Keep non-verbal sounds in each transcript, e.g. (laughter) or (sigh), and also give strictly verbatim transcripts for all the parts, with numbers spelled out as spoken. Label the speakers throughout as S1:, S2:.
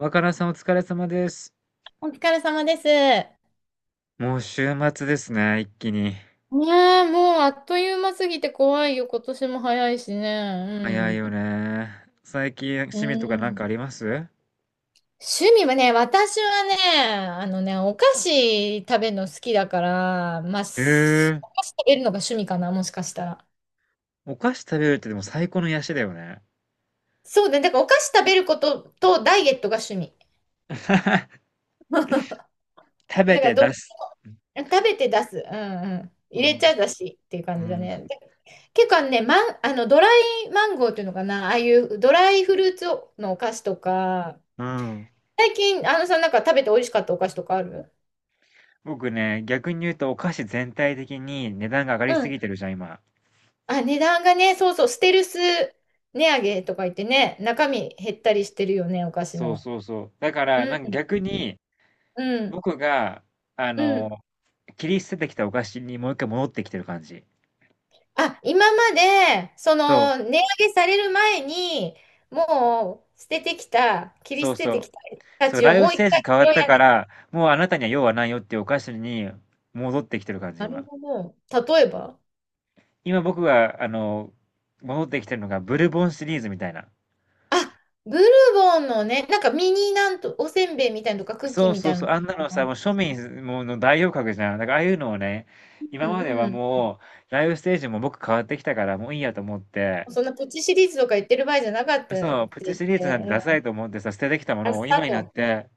S1: 若菜さんお疲れ様です。
S2: お疲れ様です。ね
S1: もう週末ですね、一気に。
S2: え、もうあっという間すぎて怖いよ。今年も早いし
S1: 早い
S2: ね。
S1: よね。最近
S2: う
S1: 趣味とか
S2: ん。
S1: なん
S2: うん。
S1: かあります？
S2: 趣味はね、私はね、あのね、お菓子食べるの好きだから、まあ、
S1: へ
S2: す
S1: え。
S2: お菓子食べるのが趣味かな、もしかしたら。
S1: お菓子食べるってでも最高の癒しだよね。
S2: そうだね、だからお菓子食べることとダイエットが趣味。
S1: (laughs) 食べ
S2: だか
S1: て
S2: らど、
S1: 出す。
S2: 食べて出す。うんうん。
S1: う
S2: 入れち
S1: ん。
S2: ゃだしっていう
S1: う
S2: 感じだ
S1: ん。
S2: ね。で、結構ね、マン、あの、ドライマンゴーっていうのかな、ああいうドライフルーツのお菓子とか。
S1: うん。
S2: 最近、あのさん、なんか食べて美味しかったお菓子とかある？
S1: 僕ね、逆に言うとお菓子全体的に値段が上が
S2: う
S1: りす
S2: ん。
S1: ぎてるじゃん、今。
S2: あ、値段がね、そうそう、ステルス値上げとか言ってね、中身減ったりしてるよね、お菓子
S1: そう
S2: の。
S1: そうそう。だか
S2: う
S1: ら、なんか
S2: ん、
S1: 逆に
S2: うん、
S1: 僕が、あ
S2: うん。
S1: の、切り捨ててきたお菓子にもう一回戻ってきてる感じ。
S2: あ、今まで、そ
S1: そう。
S2: の、値上げされる前に、もう、捨ててきた、切り
S1: そ
S2: 捨
S1: う
S2: て
S1: そ
S2: て
S1: う。
S2: きたた
S1: そう、
S2: ちを
S1: ライフ
S2: も
S1: ス
S2: う一
S1: テージ
S2: 回
S1: 変わっ
S2: 拾
S1: た
S2: い上
S1: か
S2: げ。
S1: ら、もうあなたには用はないよっていうお菓子に戻ってきてる感じ、
S2: なる
S1: 今。
S2: ほど。例えば？
S1: 今僕が、あの、戻ってきてるのがブルボンシリーズみたいな。
S2: あ、ブルボンのね、なんかミニなんと、おせんべいみたいなのとか、クッキ
S1: そ
S2: ー
S1: う
S2: み
S1: そ
S2: た
S1: う
S2: いな
S1: そ
S2: の
S1: う、
S2: と
S1: あんなのさ、
S2: か。
S1: もう庶民もうの代表格じゃん。だからああいうのをね、今
S2: う
S1: まで
S2: ん
S1: は
S2: うん。
S1: もう、ライフステージも僕変わってきたから、もういいやと思って、
S2: そんなポチシリーズとか言ってる場合じゃなかったって
S1: そう、プチ
S2: 言っ
S1: シリーズなん
S2: て、
S1: てダサいと思ってさ、捨ててきたも
S2: うん、あ、
S1: のを
S2: スタ
S1: 今
S2: ー
S1: になっ
S2: ト。
S1: て、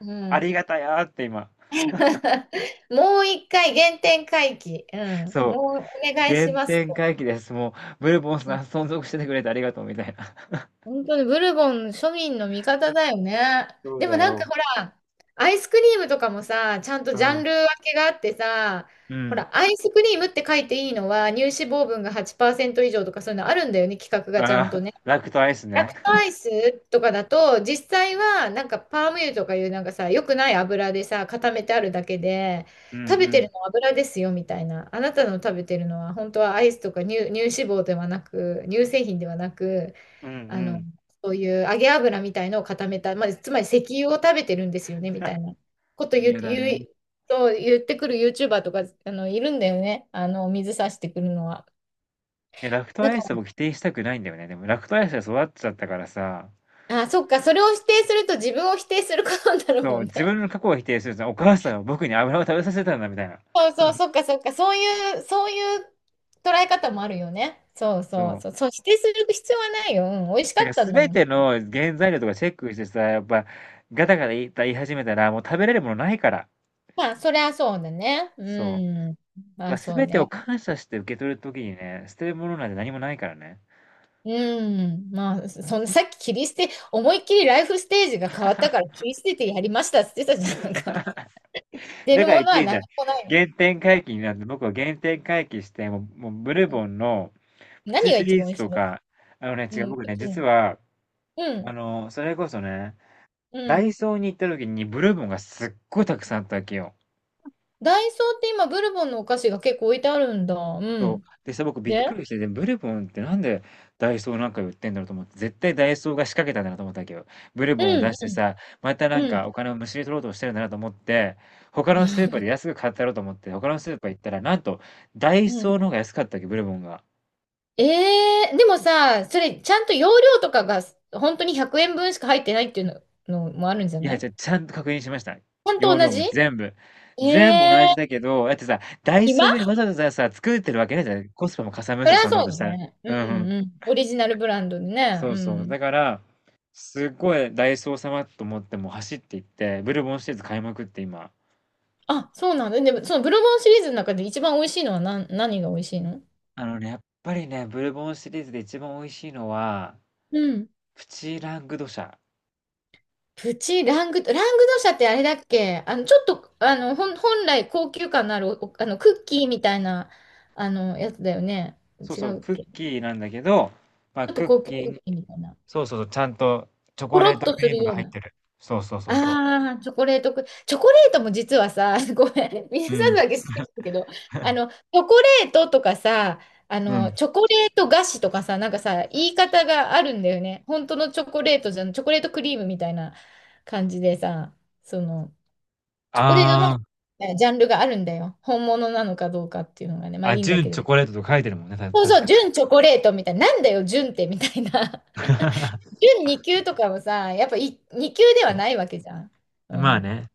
S2: う
S1: あ
S2: ん。
S1: りがたやーって今。
S2: (laughs) もう一回原点回帰。うん。
S1: そう、
S2: もうお願い
S1: 原
S2: します
S1: 点
S2: と。
S1: 回帰です。もう、ブルボン
S2: う
S1: さ
S2: ん。
S1: ん存続しててくれてありがとうみたいな。
S2: 本当にブルボン庶民の味方だよね。
S1: そう
S2: で
S1: だ
S2: もなんか
S1: よ。
S2: ほら、アイスクリームとかもさ、ちゃんと
S1: う
S2: ジャン
S1: ん。
S2: ル分けがあってさ、
S1: う
S2: ほ
S1: ん。
S2: ら、アイスクリームって書いていいのは乳脂肪分がはちパーセント以上とかそういうのあるんだよね、規格がちゃんと
S1: ああ、
S2: ね。
S1: (laughs) ラクトアイス
S2: ラ
S1: ね。
S2: クトアイスとかだと、実際はなんかパーム油とかいうなんかさ、良くない油でさ、固めてあるだけで、
S1: うんう
S2: 食べて
S1: ん。
S2: るのは油ですよみたいな。あなたの食べてるのは本当はアイスとか乳、乳脂肪ではなく、乳製品ではなく、
S1: うんう
S2: あの、
S1: ん。
S2: そういう揚げ油みたいのを固めた、まあ、つまり石油を食べてるんですよねみたいなこと言う、
S1: 嫌だ
S2: 言
S1: ね。
S2: う、そう言ってくる YouTuber とか、あの、いるんだよね。あの、水差してくるのは。
S1: え、ラクト
S2: だ
S1: アイ
S2: か
S1: スを否定したくないんだよね。でもラクトアイスで育っちゃったからさ、
S2: ら、あ、そっか、それを否定すると自分を否定することになる
S1: そ
S2: も
S1: う、
S2: ん
S1: 自
S2: ね。
S1: 分の過去を否定すると、お母さんは僕に油を食べさせたんだみたいな。
S2: そうそう、そっかそっか、そういう、そういう捉え方もあるよね。そう
S1: そ
S2: そう
S1: う。
S2: そう、そう、否定する必要はないよ。うん、美味しか
S1: だか
S2: った
S1: ら
S2: んだ
S1: 全
S2: もん。
S1: ての原材料とかチェックしてさ、やっぱガタガタ言い言い始めたら、もう食べれるものないから。
S2: まあ、そりゃそうだね。う
S1: そう。
S2: ん。ま
S1: まあ、
S2: あ、そう
S1: 全てを
S2: ね。
S1: 感謝して受け取る時にね、捨てるものなんて何もないからね。
S2: うん。まあ、そのさっき切り捨て、思いっきりライフステージが変わったから切り捨ててやりましたって言ってたじゃんなんか。(laughs) 出
S1: だ
S2: る
S1: から
S2: も
S1: 言っ
S2: の
S1: て
S2: は
S1: いいじ
S2: 何
S1: ゃん。
S2: もないの。
S1: 原点回帰になって、僕は原点回帰して、もう、もうブル
S2: うん、
S1: ボンのプ
S2: 何
S1: チ
S2: が
S1: シ
S2: 一
S1: リー
S2: 番美
S1: ズ
S2: 味し
S1: と
S2: いの？
S1: か、あのね、
S2: う
S1: 違う、
S2: ん、
S1: 僕
S2: 北
S1: ね、実
S2: 京、
S1: は、
S2: う
S1: あ
S2: ん、
S1: の、それこそね、
S2: う
S1: ダイ
S2: ん。
S1: ソーに行った時にブルボンがすっごいたくさんあったわけよ。
S2: ダイソーって今、ブルボンのお菓子が結構置いてあるんだ。う
S1: そう。
S2: ん。
S1: でさ、僕びっく
S2: で、
S1: りして、で、ブルボンってなんでダイソーなんか売ってんだろうと思って、絶対ダイソーが仕掛けたんだなと思ったわけど、ブルボンを
S2: う
S1: 出
S2: ん、
S1: してさ、またな
S2: う
S1: ん
S2: ん。
S1: かお金をむしり取ろうとしてるんだなと思って、他
S2: う
S1: のスー
S2: ん
S1: パーで安く買ったろうと思って、他のスーパー行ったら、なんと、ダイ
S2: うん、
S1: ソーの方が安かったわけ、ブルボンが。
S2: ええ、でもさ、それ、ちゃんと容量とかが、本当にひゃくえんぶんしか入ってないっていうの、のもあるんじゃ
S1: い
S2: な
S1: や、
S2: い？
S1: じ
S2: ち
S1: ゃあ、ちゃんと確認しました。
S2: ゃんと
S1: 容
S2: 同
S1: 量も
S2: じ、
S1: 全部。
S2: え
S1: 全部同
S2: え、
S1: じだけど、だってさ、ダイソーより
S2: 今、
S1: わざわざさ、作ってるわけねえじゃん。コスパもかさむ
S2: そ
S1: し、
S2: れは
S1: そんなこ
S2: そ
S1: とし
S2: う
S1: たら。
S2: ね。う
S1: うんうん。
S2: んうん。オリジナルブランドでね。
S1: そ
S2: う
S1: うそう。
S2: ん。
S1: だから、すっごいダイソー様と思ってもう走って行って、ブルボンシリーズ買いまくって今。
S2: あ、そうなんだ。でも、そのブルボンシリーズの中で一番美味しいのは何、何が美味しいの？
S1: あのね、やっぱりね、ブルボンシリーズで一番美味しいのは、
S2: うん。
S1: プチラングドシャ。
S2: プチラングド、ラングドシャってあれだっけ、あの、ちょっと、あの、ほん、本来高級感のあるお、あの、クッキーみたいな、あの、やつだよね。
S1: そう
S2: 違
S1: そう、
S2: うっ
S1: クッ
S2: け、ち
S1: キーなんだけど、まあ、
S2: ょっと
S1: クッ
S2: 高級
S1: キ
S2: ク
S1: ー
S2: ッ
S1: に、
S2: キーみたいな。
S1: そうそうそう、ちゃんとチョ
S2: ポ
S1: コ
S2: ロ
S1: レー
S2: ッ
S1: ト
S2: と
S1: ク
S2: す
S1: リー
S2: る
S1: ムが
S2: よう
S1: 入っ
S2: な。
S1: てる。そうそうそうそ
S2: ああ、チョコレートク、チョコレートも実はさ、(laughs) ごめん、皆
S1: う。う
S2: さん
S1: ん。
S2: だけ好きなんだけど、あの、チョコレートとかさ、あ
S1: う
S2: の、
S1: ん。
S2: チョコレート菓子とかさ、なんかさ、言い方があるんだよね。本当のチョコレートじゃん、チョコレートクリームみたいな感じでさ、その、チョコレート
S1: あ
S2: も、えジャンルがあるんだよ。本物なのかどうかっていうのがね、ま
S1: あ、
S2: あい
S1: あ、
S2: いんだ
S1: 純
S2: けど。
S1: チョコレートとか書いてるもんね、た
S2: そう
S1: 確
S2: そ
S1: か
S2: う、
S1: に。
S2: 純チョコレートみたいな、なんだよ、純ってみたいな。
S1: (laughs)
S2: 準に級とかもさ、やっぱいに級ではないわけじゃん。う
S1: まあ
S2: ん。
S1: ね。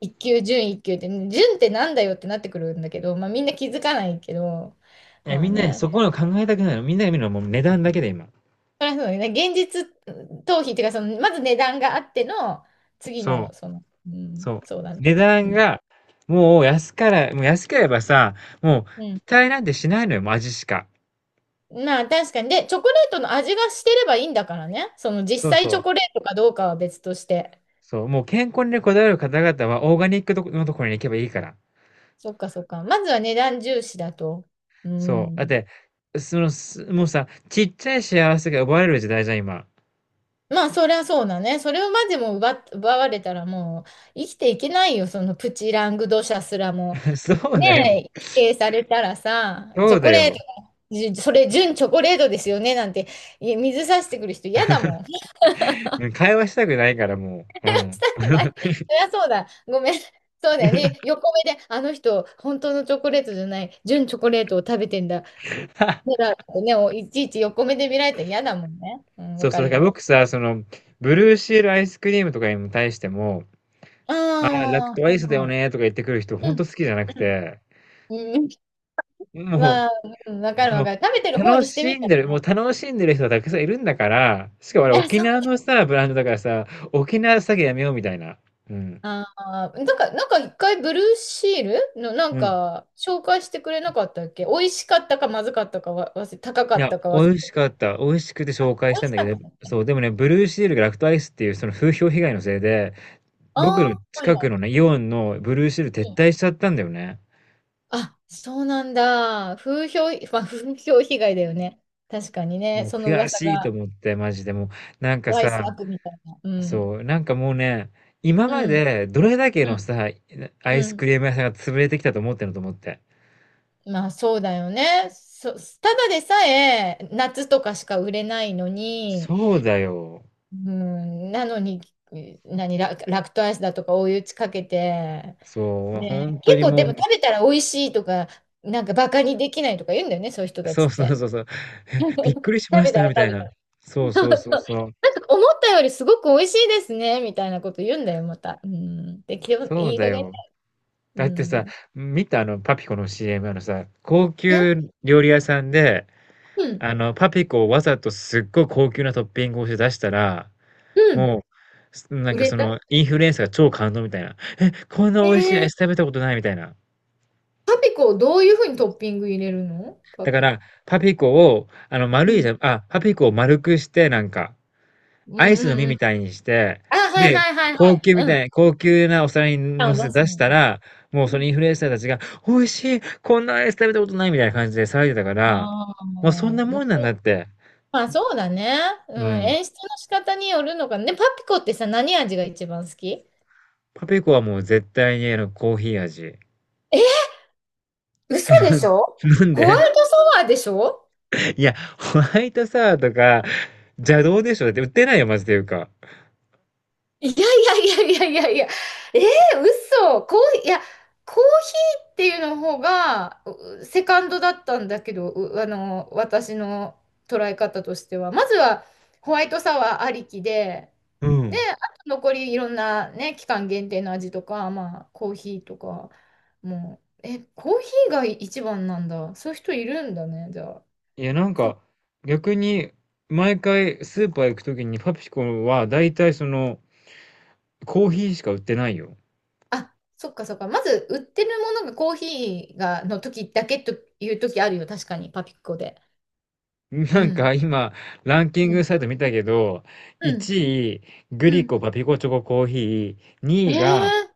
S2: いっ級、準いっ級って、準ってなんだよってなってくるんだけど、まあみんな気づかないけど、
S1: え、
S2: まあ
S1: みんなね、
S2: ね。
S1: そこの考えたくないの。みんなが見るのはもう値段だけで今。
S2: そりゃそうだね。現実逃避っていうか、その、まず値段があっての、次
S1: そう、
S2: の、その、うん、
S1: そう。
S2: そうだね。
S1: 値
S2: う
S1: 段
S2: ん。
S1: が、もう安から、もう安ければさ、もう
S2: うん。
S1: 期待なんてしないのよ、もう味しか。
S2: まあ確かに。で、チョコレートの味がしてればいいんだからね。その実
S1: そう
S2: 際
S1: そ
S2: チ
S1: う。
S2: ョコレートかどうかは別として。
S1: そう、もう健康にねこだわる方々はオーガニックとこのところに行けばいいから。
S2: そっかそっか。まずは値段重視だと。う
S1: そう。だっ
S2: ん。
S1: て、その、すもうさ、ちっちゃい幸せが奪われる時代じゃん、今。
S2: まあ、そりゃそうだね。それをまでも奪っ、奪われたらもう生きていけないよ。そのプチラングドシャすらも。
S1: (laughs) そうだよ。
S2: ねえ、否定されたらさ、チ
S1: そ
S2: ョ
S1: う
S2: コ
S1: だ
S2: レー
S1: よ。
S2: ト、じゅそれ純チョコレートですよねなんて、い水さしてくる人嫌だもん。(laughs) し
S1: (laughs) うん、会話したくないからもう。うん。
S2: たくない。そりゃそうだ。ごめん。そうだよ
S1: (laughs)
S2: ね。横目で、あの人、本当のチョコレートじゃない、純チョコレートを食べてんだ。そうだってね、おいちいち横目で見られたら嫌だもんね。うん、
S1: そ
S2: わ
S1: う
S2: か
S1: そう、だ
S2: る
S1: から
S2: よ。
S1: 僕さ、その、ブルーシールアイスクリームとかに対しても、
S2: あ
S1: ああ、ラクトア
S2: あ、は
S1: イ
S2: い
S1: スだよ
S2: は
S1: ねとか言ってくる人ほん
S2: い。う
S1: と
S2: ん。
S1: 好きじゃなく
S2: う
S1: て、
S2: ん。うん、
S1: も
S2: まあ、うん、わかる
S1: う、
S2: わ
S1: もう、
S2: かる。食べてる方
S1: 楽
S2: にして
S1: し
S2: み
S1: ん
S2: た
S1: で
S2: ら
S1: る、もう
S2: ね。
S1: 楽しんでる人はたくさんいるんだから、しかもあ
S2: い
S1: れ
S2: や、
S1: 沖
S2: そう。
S1: 縄のさ、ブランドだからさ、沖縄詐欺やめようみたいな。うん。
S2: ああ、なんか、なんか一回ブルーシールのなん
S1: うん。
S2: か紹介してくれなかったっけ？美味しかったかまずかったかわ、忘れ、高か
S1: い
S2: っ
S1: や、
S2: たか忘
S1: 美味
S2: れ
S1: し
S2: たけ
S1: か
S2: ど。
S1: った。美味しくて
S2: あ、
S1: 紹介し
S2: 美
S1: た
S2: 味
S1: ん
S2: し
S1: だけ
S2: かった
S1: ど、
S2: んだっけ？
S1: そう、でもね、ブルーシールがラクトアイスっていうその風評被害のせいで、
S2: あ
S1: 僕の
S2: あー、はい
S1: 近く
S2: は
S1: のね、イオンのブルーシール
S2: い。
S1: 撤
S2: う
S1: 退
S2: ん、
S1: しちゃったんだよね。
S2: あ、そうなんだ。風評、(laughs) まあ、風評被害だよね。確かにね。
S1: もう
S2: その
S1: 悔
S2: 噂
S1: しいと
S2: が、
S1: 思って、マジでもう、なんか
S2: ワイス
S1: さ、
S2: 悪みたいな。うん。
S1: そう、なんかもうね、今ま
S2: うん。
S1: でどれだけ
S2: う
S1: の
S2: ん。
S1: さ、アイ
S2: う
S1: スク
S2: ん。
S1: リーム屋さんが潰れてきたと思ってんのと思って。
S2: まあそうだよね。そ、ただでさえ夏とかしか売れないのに、
S1: そうだよ。
S2: うん、なのに、何、ラ、ラクトアイスだとか追い打ちかけて、
S1: そう、
S2: ね、
S1: 本当
S2: 結
S1: に
S2: 構
S1: も
S2: でも
S1: う、
S2: 食べたら美味しいとか、なんかバカにできないとか言うんだよね、そういう人た
S1: そ
S2: ち
S1: う
S2: っ
S1: そう
S2: て。
S1: そうそう、
S2: (laughs) 食
S1: (laughs) びっくりしまし
S2: べた
S1: た
S2: ら
S1: みた
S2: 食
S1: いな。
S2: べ
S1: そう
S2: たら。
S1: そ
S2: そ
S1: うそう
S2: う
S1: そう。
S2: そう思ったよりすごく美味しいですね、みたいなこと言うんだよ、また。うん。で、きょ、
S1: そう
S2: いい
S1: だ
S2: 加減ね。
S1: よ。
S2: う
S1: だってさ、
S2: ん。
S1: 見たあのパピコの シーエム あのさ、高
S2: え、
S1: 級料理屋さんで、
S2: うん。
S1: あの、パピコをわざとすっごい高級なトッピングをして出したら、
S2: うん。
S1: もう、すなん
S2: 売
S1: か
S2: れ
S1: そ
S2: た、
S1: の、インフルエンサーが超感動みたいな。え、こんな美味しいア
S2: え
S1: イス
S2: ー、
S1: 食べたことないみたいな。
S2: パピコをどういうふうにトッピング入れるのパ
S1: だか
S2: ピコ。
S1: ら、パピコを、あの、
S2: う
S1: 丸いじ
S2: ん。
S1: ゃ、あ、パピコを丸くして、なんか、
S2: う
S1: ア
S2: ん
S1: イス
S2: う
S1: の
S2: ん
S1: 実
S2: う
S1: み
S2: ん。
S1: たいにして、
S2: あ、はい
S1: で、
S2: はいはいは
S1: 高
S2: い。
S1: 級み
S2: うん。
S1: たい、高級なお皿に
S2: パ
S1: 乗
S2: ンを
S1: せ
S2: 出
S1: て
S2: す
S1: 出し
S2: ん
S1: た
S2: だ。
S1: ら、もう
S2: う
S1: その
S2: ん、
S1: インフルエンサーたちが、美味しい、こんなアイス食べたことないみたいな感じで騒いでたから、
S2: ああ、
S1: もうそん
S2: も
S1: な
S2: う、も
S1: も
S2: う
S1: んなんだっ
S2: こ、
S1: て。
S2: まあそうだね。
S1: う
S2: うん。
S1: ん。
S2: 演出の仕方によるのかね。パピコってさ、何味が一番好き？
S1: パピコはもう絶対にあのコーヒー味。
S2: え、嘘でし
S1: (laughs)
S2: ょ？
S1: なん
S2: ホワ
S1: で
S2: イトソワーでしょ？
S1: いや、ホワイトサワーとか邪道でしょだって売ってないよ、マジでいうか。
S2: いやいやいやいやいやいや、えー、嘘、コーヒー、いや、コーヒーっていうの方が、うセカンドだったんだけど、う、あの、私の捉え方としては。まずは、ホワイトサワーありきで、
S1: う
S2: で、
S1: ん。
S2: あと残りいろんなね、期間限定の味とか、まあ、コーヒーとか、もう、え、コーヒーが一番なんだ。そういう人いるんだね、じゃあ。
S1: いや、なんか逆に毎回スーパー行くときにパピコは大体そのコーヒーしか売ってないよ。
S2: あ、そっかそっか。まず、売ってるものがコーヒーが、の時だけという時あるよ。確かに、パピコで。
S1: な
S2: う
S1: ん
S2: ん。
S1: か今ランキン
S2: う
S1: グ
S2: ん。
S1: サイト見たけど、
S2: うん。
S1: いちいグ
S2: う
S1: リ
S2: ん。
S1: コパピコチョココーヒー、
S2: え
S1: にいが
S2: ー、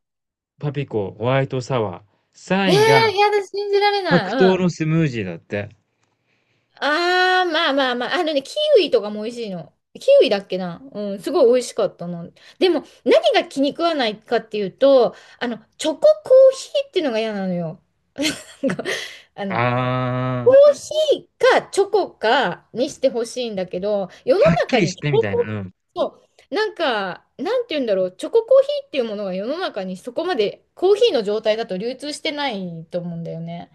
S1: パピコホワイトサワー、
S2: えー、
S1: さんいが
S2: やだ、信じられ
S1: 白
S2: ない。
S1: 桃
S2: うん。
S1: のスムージーだって。
S2: あー、まあまあまあ。あのね、キウイとかも美味しいの。キウイだっけな。うん、すごい美味しかったな。でも、何が気に食わないかっていうと、あの、チョココーヒーっていうのが嫌なのよ。(laughs) なんか、あの、コ
S1: あ
S2: ー
S1: あ、
S2: ヒーかチョコかにしてほしいんだけど、世の
S1: はっき
S2: 中
S1: り
S2: に
S1: し
S2: チョ
S1: てみ
S2: コ
S1: たい
S2: コ
S1: な、
S2: ー
S1: う
S2: ヒー、
S1: ん。
S2: そう、なんか、なんて言うんだろう、チョココーヒーっていうものが世の中にそこまでコーヒーの状態だと流通してないと思うんだよね。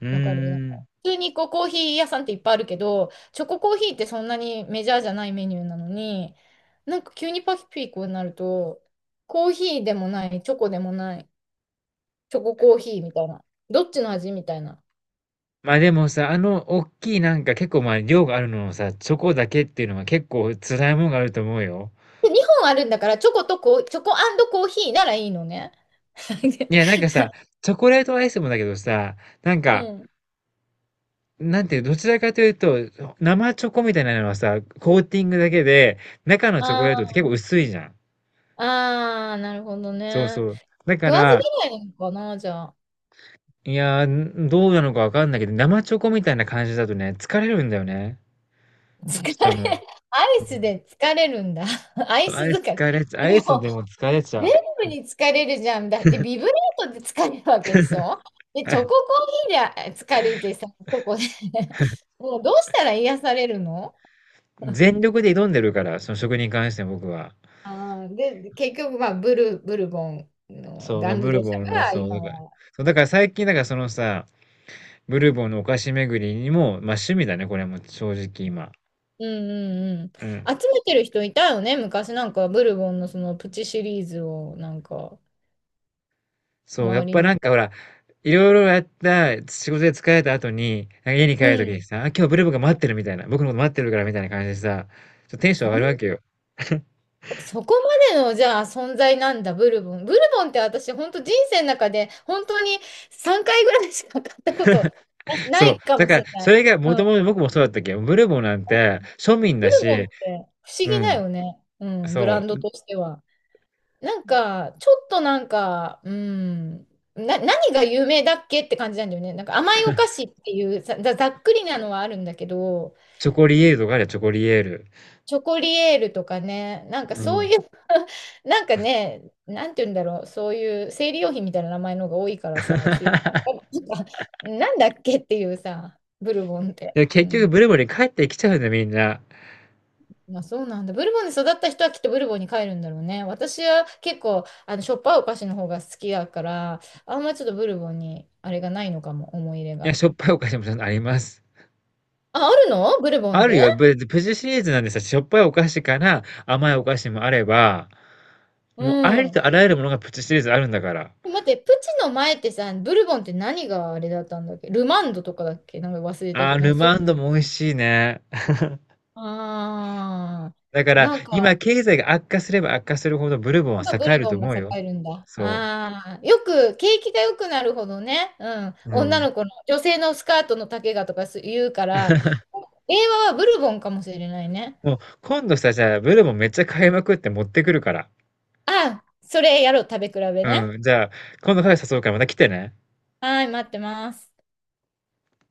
S1: うー
S2: わかる。なんか
S1: ん。
S2: 普通にこうコーヒー屋さんっていっぱいあるけど、チョココーヒーってそんなにメジャーじゃないメニューなのに、なんか急にパピーコになると、コーヒーでもない、チョコでもない、チョココーヒーみたいな、どっちの味みたいな。
S1: ま、でもさ、あのおっきいなんか結構、ま、量があるのをさ、チョコだけっていうのは結構辛いもんがあると思うよ。
S2: で、にほんあるんだから、チョコとコー、チョココーヒーならいいのね。
S1: いや、なん
S2: (laughs)
S1: かさ、チョコレートアイスもだけどさ、なん
S2: う
S1: か、
S2: ん。(laughs)
S1: なんていう、どちらかというと、生チョコみたいなのはさ、コーティングだけで、中のチョコ
S2: あ
S1: レートって結
S2: あ、
S1: 構薄いじゃん。
S2: ああ、なるほど
S1: そうそ
S2: ね。
S1: う。だか
S2: 食わず
S1: ら、
S2: 嫌いなのかな、じゃあ。
S1: いや、ん、どうなのかわかんないけど、生チョコみたいな感じだとね、疲れるんだよね、
S2: 疲れ、
S1: 舌も。
S2: ア
S1: う
S2: イス
S1: ん。
S2: で疲れるんだ。(laughs) アイ
S1: あ
S2: ス
S1: れ
S2: 疲れ。
S1: 疲れちゃう。ア
S2: も
S1: イス
S2: う、
S1: でも疲れちゃ
S2: 全
S1: う。
S2: 部に疲れるじゃん。だって、ビブレートで疲れるわけでしょ。で、チョココ
S1: (laughs)
S2: ーヒーで疲れてさ、ここで。 (laughs) もうどうしたら癒されるの。
S1: 全力で挑んでるから、その食に関して僕は。
S2: ああで、結局、まあ、ブル、ブルボンの
S1: そう、ま
S2: ダ
S1: あ、
S2: ン
S1: ブ
S2: グ
S1: ル
S2: ド社
S1: ボンの、
S2: が
S1: そう、
S2: 今
S1: だから、
S2: は。
S1: そう、だから最近、だからそのさ、ブルボンのお菓子巡りにも、まあ趣味だね、これも正直
S2: うん
S1: 今。
S2: うんうん。
S1: うん。
S2: 集めてる人いたよね。昔なんかブルボンのそのプチシリーズをなんか
S1: そう、や
S2: 周
S1: っ
S2: り
S1: ぱ
S2: にい
S1: なん
S2: た。
S1: かほら、いろいろやった、仕事で疲れた後に、なんか家に帰
S2: う
S1: るとき
S2: ん。
S1: にさ、あ、今日ブルボンが待ってるみたいな、僕のこと待ってるからみたいな感じでさ、ちょっとテンション上
S2: そ
S1: が
S2: ん、
S1: るわけよ。(laughs)
S2: そこまでのじゃあ存在なんだ、ブルボン。ブルボンって私本当人生の中で本当にさんかいぐらいしか買ったことな
S1: そう。
S2: いか
S1: だ
S2: もし
S1: から、
S2: れな
S1: そ
S2: い。
S1: れがも
S2: う
S1: と
S2: ん。
S1: もと僕もそうだったっけど、ブルボンなんて庶民
S2: ブ
S1: だ
S2: ルボン
S1: し、
S2: って不思
S1: う
S2: 議だ
S1: ん。
S2: よね。うん。ブラ
S1: そ
S2: ンド
S1: う。
S2: としては。なんか、ちょっとなんか、うん、な、何が有名だっけって感じなんだよね。なんか甘いお菓子っていうざ、ざざっくりなのはあるんだけど、
S1: チョコリエールとかあるよ、チョコリエール。
S2: チョコリエールとかね、なんか
S1: う
S2: そ
S1: ん。
S2: ういう。 (laughs) なんかね、なんて言うんだろう、そういう生理用品みたいな名前の方が多いからさ、ちょっとよ
S1: (laughs)
S2: くわかんない。なんかなんだっけっていうさ、ブルボンって。
S1: で
S2: う
S1: 結局
S2: ん。
S1: ブルボンに帰ってきちゃうんだよ、みんな。
S2: あ、そうなんだ。ブルボンで育った人はきっとブルボンに帰るんだろうね。私は結構、あの、しょっぱいお菓子の方が好きだから、あんまりちょっとブルボンに、あれがないのかも、思い入れ
S1: いや、
S2: が。
S1: しょっぱいお菓子もちゃんとあります。
S2: あ、あるのブルボン
S1: ある
S2: で。
S1: よ、ぶプチシリーズなんでさ、しょっぱいお菓子から甘いお菓子もあれば、
S2: う
S1: もうあり
S2: ん。
S1: とあらゆるものがプチシリーズあるんだから。
S2: 待って、プチの前ってさ、ブルボンって何があれだったんだっけ。ルマンドとかだっけ。なんか忘れた
S1: あ
S2: け
S1: ー、
S2: ど、なん
S1: ル
S2: かそう。
S1: マンドも美味しいね。
S2: ああ、
S1: だから、
S2: なん
S1: 今
S2: か、
S1: 経済が悪化すれば悪化するほどブルボンは
S2: 本当ブ
S1: 栄え
S2: ル
S1: る
S2: ボ
S1: と
S2: ンが
S1: 思う
S2: 栄
S1: よ。
S2: えるんだ。
S1: そ
S2: ああ、よく、景気が良くなるほどね、うん、
S1: う。う
S2: 女
S1: ん。
S2: の子の、女性のスカートの丈がとかす言うから、令和はブルボンかもしれないね。
S1: もう今度さ、じゃあブルボンめっちゃ買いまくって持ってくるから。
S2: ああ、それやろう、食べ比べね。
S1: うん、じゃあ、今度カフェ誘うからまた来てね。
S2: はい、待ってます。